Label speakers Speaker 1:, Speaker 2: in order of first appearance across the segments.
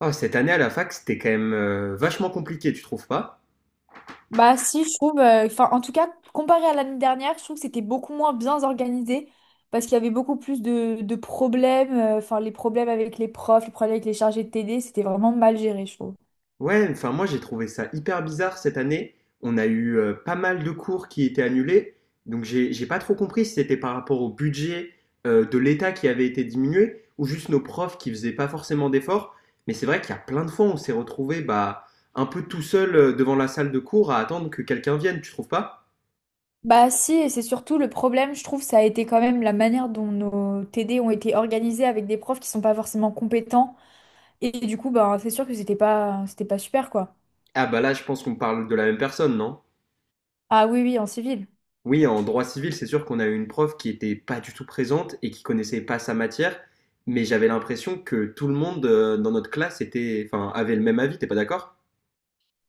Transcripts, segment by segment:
Speaker 1: Oh, cette année à la fac, c'était quand même vachement compliqué, tu trouves pas?
Speaker 2: Bah si, je trouve, enfin en tout cas, comparé à l'année dernière, je trouve que c'était beaucoup moins bien organisé parce qu'il y avait beaucoup plus de problèmes, enfin les problèmes avec les profs, les problèmes avec les chargés de TD, c'était vraiment mal géré, je trouve.
Speaker 1: Ouais, enfin moi j'ai trouvé ça hyper bizarre cette année. On a eu pas mal de cours qui étaient annulés, donc j'ai pas trop compris si c'était par rapport au budget de l'État qui avait été diminué ou juste nos profs qui faisaient pas forcément d'efforts. Mais c'est vrai qu'il y a plein de fois où on s'est retrouvé bah un peu tout seul devant la salle de cours à attendre que quelqu'un vienne, tu trouves pas?
Speaker 2: Bah si, et c'est surtout le problème, je trouve, ça a été quand même la manière dont nos TD ont été organisés avec des profs qui sont pas forcément compétents et du coup, bah c'est sûr que c'était pas super quoi.
Speaker 1: Ah bah là, je pense qu'on parle de la même personne, non?
Speaker 2: Ah oui, oui, en civil.
Speaker 1: Oui, en droit civil, c'est sûr qu'on a eu une prof qui était pas du tout présente et qui connaissait pas sa matière, mais j'avais l'impression que tout le monde dans notre classe était, enfin, avait le même avis, t'es pas d'accord?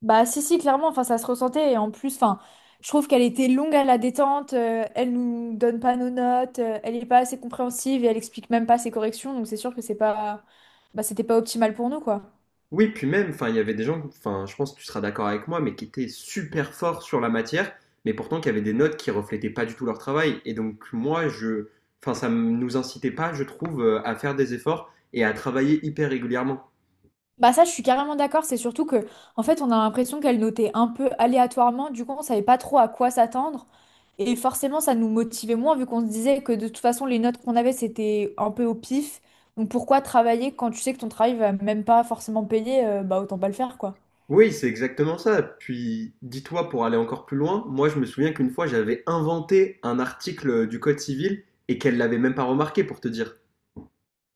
Speaker 2: Bah si si clairement enfin ça se ressentait et en plus enfin je trouve qu'elle était longue à la détente, elle nous donne pas nos notes, elle est pas assez compréhensive et elle explique même pas ses corrections donc c'est sûr que c'est pas, bah c'était pas optimal pour nous quoi.
Speaker 1: Oui, puis même, enfin, il y avait des gens, enfin, je pense que tu seras d'accord avec moi, mais qui étaient super forts sur la matière, mais pourtant qui avaient des notes qui reflétaient pas du tout leur travail. Et donc moi, je, enfin, nous incitait pas, je trouve, à faire des efforts et à travailler hyper régulièrement.
Speaker 2: Bah ça je suis carrément d'accord, c'est surtout que en fait on a l'impression qu'elle notait un peu aléatoirement du coup on savait pas trop à quoi s'attendre et forcément ça nous motivait moins vu qu'on se disait que de toute façon les notes qu'on avait c'était un peu au pif, donc pourquoi travailler quand tu sais que ton travail va même pas forcément payer, bah autant pas le faire quoi.
Speaker 1: Oui, c'est exactement ça. Puis, dis-toi, pour aller encore plus loin, moi je me souviens qu'une fois j'avais inventé un article du Code civil et qu'elle l'avait même pas remarqué pour te dire.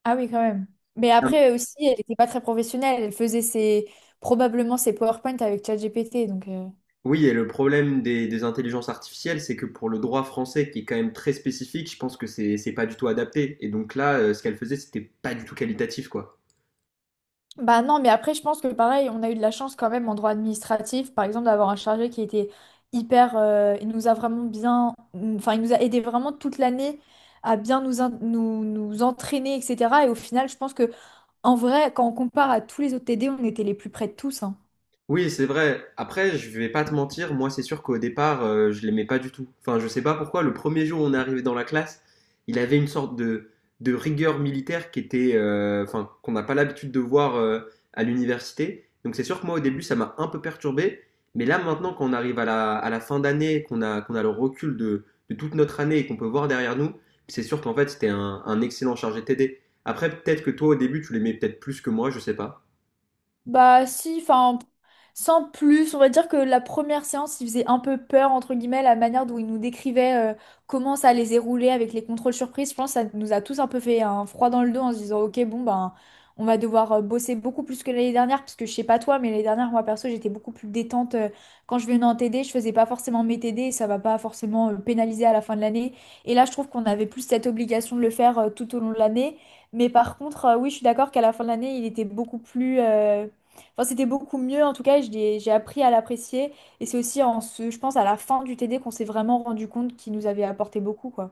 Speaker 2: Ah oui, quand même. Mais
Speaker 1: Ah.
Speaker 2: après aussi, elle n'était pas très professionnelle. Elle faisait ses, probablement ses PowerPoint avec ChatGPT. Donc.
Speaker 1: Oui, et le problème des intelligences artificielles, c'est que pour le droit français, qui est quand même très spécifique, je pense que c'est pas du tout adapté. Et donc là, ce qu'elle faisait, c'était pas du tout qualitatif, quoi.
Speaker 2: Bah non, mais après, je pense que pareil, on a eu de la chance quand même en droit administratif, par exemple, d'avoir un chargé qui était hyper. Il nous a vraiment bien. Enfin, il nous a aidé vraiment toute l'année à bien nous, nous, nous entraîner, etc. Et au final, je pense que en vrai, quand on compare à tous les autres T D on était les plus près de tous, hein.
Speaker 1: Oui, c'est vrai. Après, je vais pas te mentir, moi c'est sûr qu'au départ, je l'aimais pas du tout. Enfin, je sais pas pourquoi, le premier jour où on est arrivé dans la classe, il avait une sorte de rigueur militaire qui était, enfin, qu'on n'a pas l'habitude de voir à l'université. Donc c'est sûr que moi au début, ça m'a un peu perturbé. Mais là maintenant, quand on arrive à la fin d'année, qu'on a, qu'on a le recul de toute notre année et qu'on peut voir derrière nous, c'est sûr qu'en fait, c'était un excellent chargé TD. Après, peut-être que toi, au début, tu l'aimais peut-être plus que moi, je sais pas.
Speaker 2: Bah si, enfin, sans plus, on va dire que la première séance, il faisait un peu peur, entre guillemets, la manière dont il nous décrivait, comment ça allait se dérouler avec les contrôles surprises. Je pense que ça nous a tous un peu fait un froid dans le dos en se disant, ok, bon, ben, on va devoir, bosser beaucoup plus que l'année dernière, parce que je sais pas toi, mais l'année dernière, moi, perso, j'étais beaucoup plus détente. Euh, quand je venais en TD, je faisais pas forcément mes TD, et ça va pas forcément, pénaliser à la fin de l'année. Et là, je trouve qu'on avait plus cette obligation de le faire, tout au long de l'année. Mais par contre, oui, je suis d'accord qu'à la fin de l'année, il était beaucoup plus... Enfin, c'était beaucoup mieux. En tout cas, j'ai appris à l'apprécier. Et c'est aussi en ce, je pense, à la fin du TD qu'on s'est vraiment rendu compte qu'il nous avait apporté beaucoup, quoi.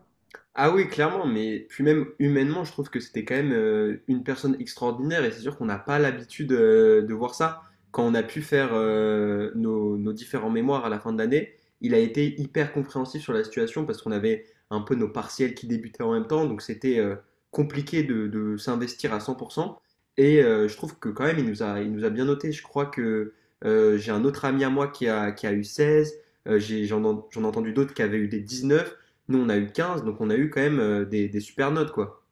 Speaker 1: Ah oui, clairement, mais puis même humainement, je trouve que c'était quand même une personne extraordinaire et c'est sûr qu'on n'a pas l'habitude de voir ça. Quand on a pu faire nos, nos différents mémoires à la fin de l'année, il a été hyper compréhensif sur la situation parce qu'on avait un peu nos partiels qui débutaient en même temps, donc c'était compliqué de s'investir à 100%. Et je trouve que quand même, il nous a bien noté. Je crois que j'ai un autre ami à moi qui a eu 16. J'en ai entendu d'autres qui avaient eu des 19. Nous, on a eu 15, donc on a eu quand même des super notes, quoi.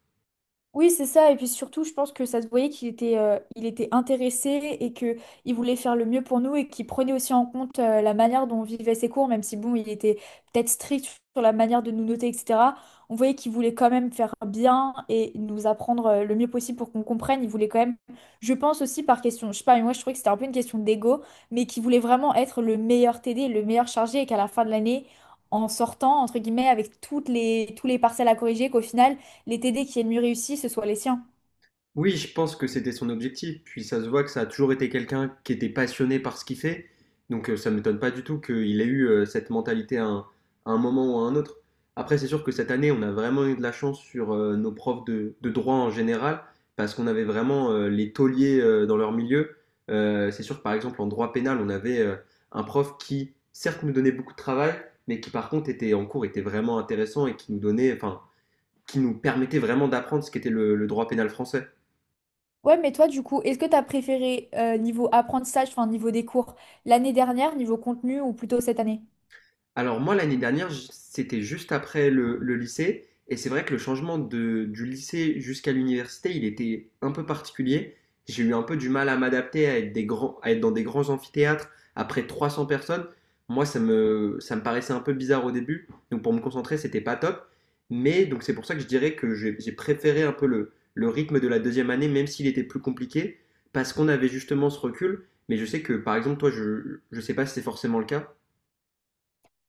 Speaker 2: Oui, c'est ça. Et puis surtout, je pense que ça se voyait qu'il était, il était intéressé et que il voulait faire le mieux pour nous et qu'il prenait aussi en compte, la manière dont on vivait ses cours, même si bon, il était peut-être strict sur la manière de nous noter, etc. On voyait qu'il voulait quand même faire bien et nous apprendre, le mieux possible pour qu'on comprenne. Il voulait quand même, je pense aussi par question, je sais pas, mais moi je trouvais que c'était un peu une question d'ego, mais qu'il voulait vraiment être le meilleur TD, le meilleur chargé et qu'à la fin de l'année, en sortant, entre guillemets, avec toutes les, tous les parcelles à corriger, qu'au final, les TD qui aient le mieux réussi, ce soit les siens.
Speaker 1: Oui, je pense que c'était son objectif, puis ça se voit que ça a toujours été quelqu'un qui était passionné par ce qu'il fait, donc ça ne m'étonne pas du tout qu'il ait eu cette mentalité à un moment ou à un autre. Après, c'est sûr que cette année, on a vraiment eu de la chance sur nos profs de droit en général, parce qu'on avait vraiment les tauliers dans leur milieu. C'est sûr que par exemple, en droit pénal, on avait un prof qui, certes, nous donnait beaucoup de travail, mais qui par contre était en cours était vraiment intéressant et qui nous donnait, enfin, qui nous permettait vraiment d'apprendre ce qu'était le droit pénal français.
Speaker 2: Ouais, mais toi, du coup, est-ce que tu as préféré, niveau apprentissage, enfin niveau des cours, l'année dernière, niveau contenu ou plutôt cette année?
Speaker 1: Alors moi, l'année dernière, c'était juste après le lycée, et c'est vrai que du lycée jusqu'à l'université, il était un peu particulier. J'ai eu un peu du mal à m'adapter à être des grands, à être dans des grands amphithéâtres après 300 personnes. Moi, ça me paraissait un peu bizarre au début, donc pour me concentrer, c'était pas top. Mais donc c'est pour ça que je dirais que j'ai préféré un peu le rythme de la deuxième année, même s'il était plus compliqué, parce qu'on avait justement ce recul. Mais je sais que, par exemple, toi, je sais pas si c'est forcément le cas.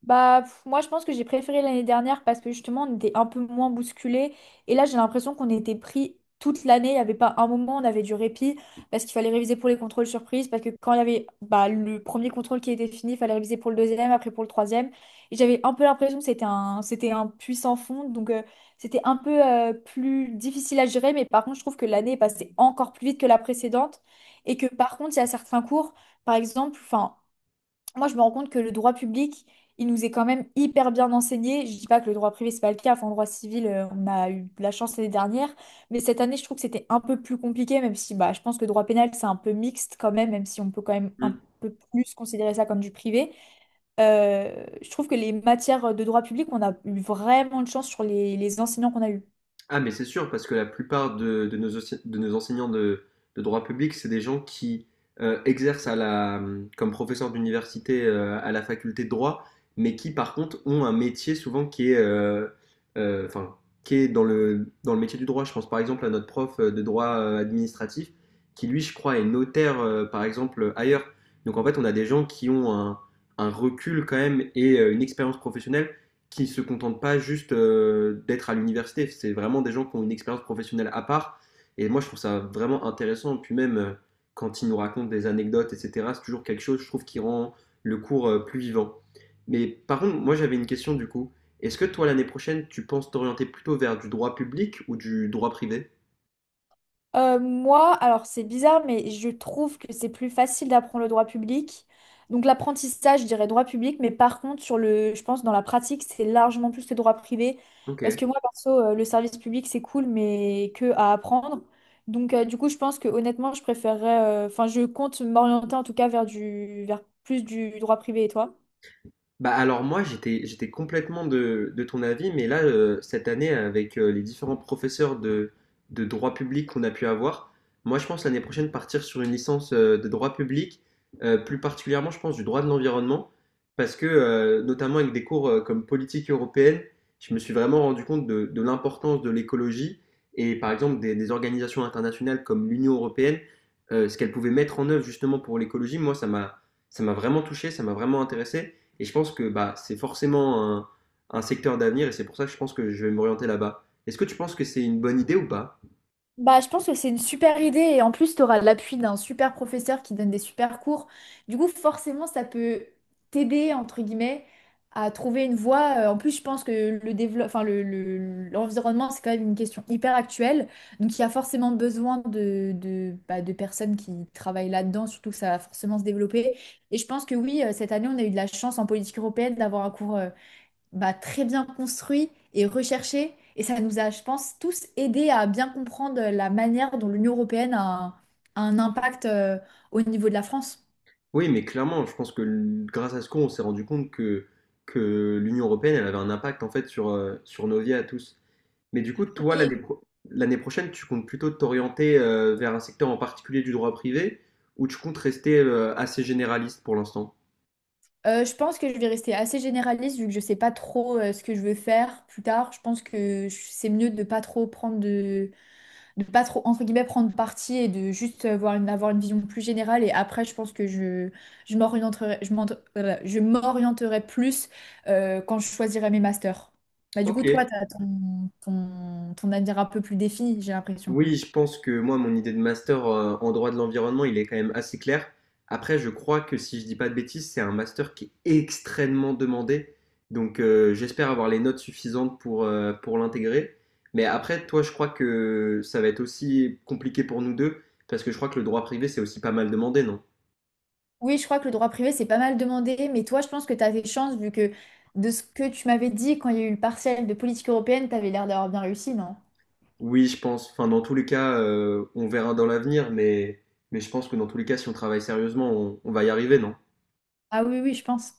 Speaker 2: Bah, pff, moi, je pense que j'ai préféré l'année dernière parce que justement, on était un peu moins bousculés. Et là, j'ai l'impression qu'on était pris toute l'année. Il n'y avait pas un moment où on avait du répit parce qu'il fallait réviser pour les contrôles surprises. Parce que quand il y avait bah, le premier contrôle qui était fini, il fallait réviser pour le deuxième, après pour le troisième. Et j'avais un peu l'impression que c'était un puits sans fond. Donc, c'était un peu, plus difficile à gérer. Mais par contre, je trouve que l'année est passée encore plus vite que la précédente. Et que par contre, il y a certains cours, par exemple, enfin moi, je me rends compte que le droit public, il nous est quand même hyper bien enseigné. Je dis pas que le droit privé, c'est pas le cas. Enfin, le droit civil, on a eu de la chance l'année dernière. Mais cette année, je trouve que c'était un peu plus compliqué, même si bah, je pense que le droit pénal, c'est un peu mixte quand même, même si on peut quand même un peu plus considérer ça comme du privé. Je trouve que les matières de droit public, on a eu vraiment de chance sur les enseignants qu'on a eu.
Speaker 1: Ah, mais c'est sûr, parce que la plupart de, ense- de nos enseignants de droit public, c'est des gens qui exercent à la, comme professeur d'université à la faculté de droit, mais qui par contre ont un métier souvent qui est, enfin, qui est dans le métier du droit. Je pense par exemple à notre prof de droit administratif, qui lui, je crois, est notaire par exemple ailleurs. Donc en fait, on a des gens qui ont un recul quand même et une expérience professionnelle qui se contentent pas juste d'être à l'université. C'est vraiment des gens qui ont une expérience professionnelle à part. Et moi, je trouve ça vraiment intéressant. Puis même, quand ils nous racontent des anecdotes, etc., c'est toujours quelque chose, je trouve, qui rend le cours plus vivant. Mais par contre, moi, j'avais une question du coup. Est-ce que toi, l'année prochaine, tu penses t'orienter plutôt vers du droit public ou du droit privé?
Speaker 2: Moi, alors c'est bizarre, mais je trouve que c'est plus facile d'apprendre le droit public. Donc l'apprentissage, je dirais droit public, mais par contre, sur le, je pense dans la pratique, c'est largement plus le droit privé.
Speaker 1: Ok.
Speaker 2: Parce que moi, perso, le service public, c'est cool, mais que à apprendre. Donc du coup, je pense que honnêtement, je préférerais, enfin, je compte m'orienter en tout cas vers du, vers plus du droit privé, et toi?
Speaker 1: Bah alors moi j'étais complètement de ton avis, mais là cette année avec les différents professeurs de droit public qu'on a pu avoir, moi je pense l'année prochaine partir sur une licence de droit public, plus particulièrement je pense du droit de l'environnement, parce que notamment avec des cours comme politique européenne, je me suis vraiment rendu compte de l'importance de l'écologie et par exemple des organisations internationales comme l'Union européenne, ce qu'elles pouvaient mettre en œuvre justement pour l'écologie, moi ça m'a vraiment touché, ça m'a vraiment intéressé. Et je pense que bah, c'est forcément un secteur d'avenir et c'est pour ça que je pense que je vais m'orienter là-bas. Est-ce que tu penses que c'est une bonne idée ou pas?
Speaker 2: Bah, je pense que c'est une super idée et en plus, tu auras l'appui d'un super professeur qui donne des super cours. Du coup, forcément, ça peut t'aider, entre guillemets, à trouver une voie. En plus, je pense que enfin, l'environnement, c'est quand même une question hyper actuelle. Donc, il y a forcément besoin bah, de personnes qui travaillent là-dedans, surtout que ça va forcément se développer. Et je pense que oui, cette année, on a eu de la chance en politique européenne d'avoir un cours. Bah, très bien construit et recherché. Et ça nous a, je pense, tous aidés à bien comprendre la manière dont l'Union européenne a un impact, au niveau de la France.
Speaker 1: Oui, mais clairement, je pense que grâce à ce qu'on on s'est rendu compte que l'Union européenne elle avait un impact en fait sur, sur nos vies à tous. Mais du coup, toi,
Speaker 2: Oui.
Speaker 1: l'année prochaine, tu comptes plutôt t'orienter vers un secteur en particulier du droit privé ou tu comptes rester assez généraliste pour l'instant?
Speaker 2: Je pense que je vais rester assez généraliste vu que je sais pas trop, ce que je veux faire plus tard. Je pense que c'est mieux de pas trop prendre de pas trop, entre guillemets, prendre parti et de juste avoir une vision plus générale. Et après, je pense que je m'orienterai, je m'orienterai plus, quand je choisirai mes masters. Bah, du coup,
Speaker 1: Ok.
Speaker 2: toi, tu as ton avenir un peu plus défini, j'ai l'impression.
Speaker 1: Oui, je pense que moi, mon idée de master en droit de l'environnement, il est quand même assez clair. Après, je crois que si je dis pas de bêtises, c'est un master qui est extrêmement demandé. Donc, j'espère avoir les notes suffisantes pour l'intégrer. Mais après, toi, je crois que ça va être aussi compliqué pour nous deux, parce que je crois que le droit privé, c'est aussi pas mal demandé, non?
Speaker 2: Oui, je crois que le droit privé, c'est pas mal demandé, mais toi, je pense que tu as des chances, vu que de ce que tu m'avais dit quand il y a eu le partiel de politique européenne, tu avais l'air d'avoir bien réussi, non?
Speaker 1: Oui, je pense. Enfin, dans tous les cas, on verra dans l'avenir, mais je pense que dans tous les cas, si on travaille sérieusement, on va y arriver, non?
Speaker 2: Ah oui, oui, je pense.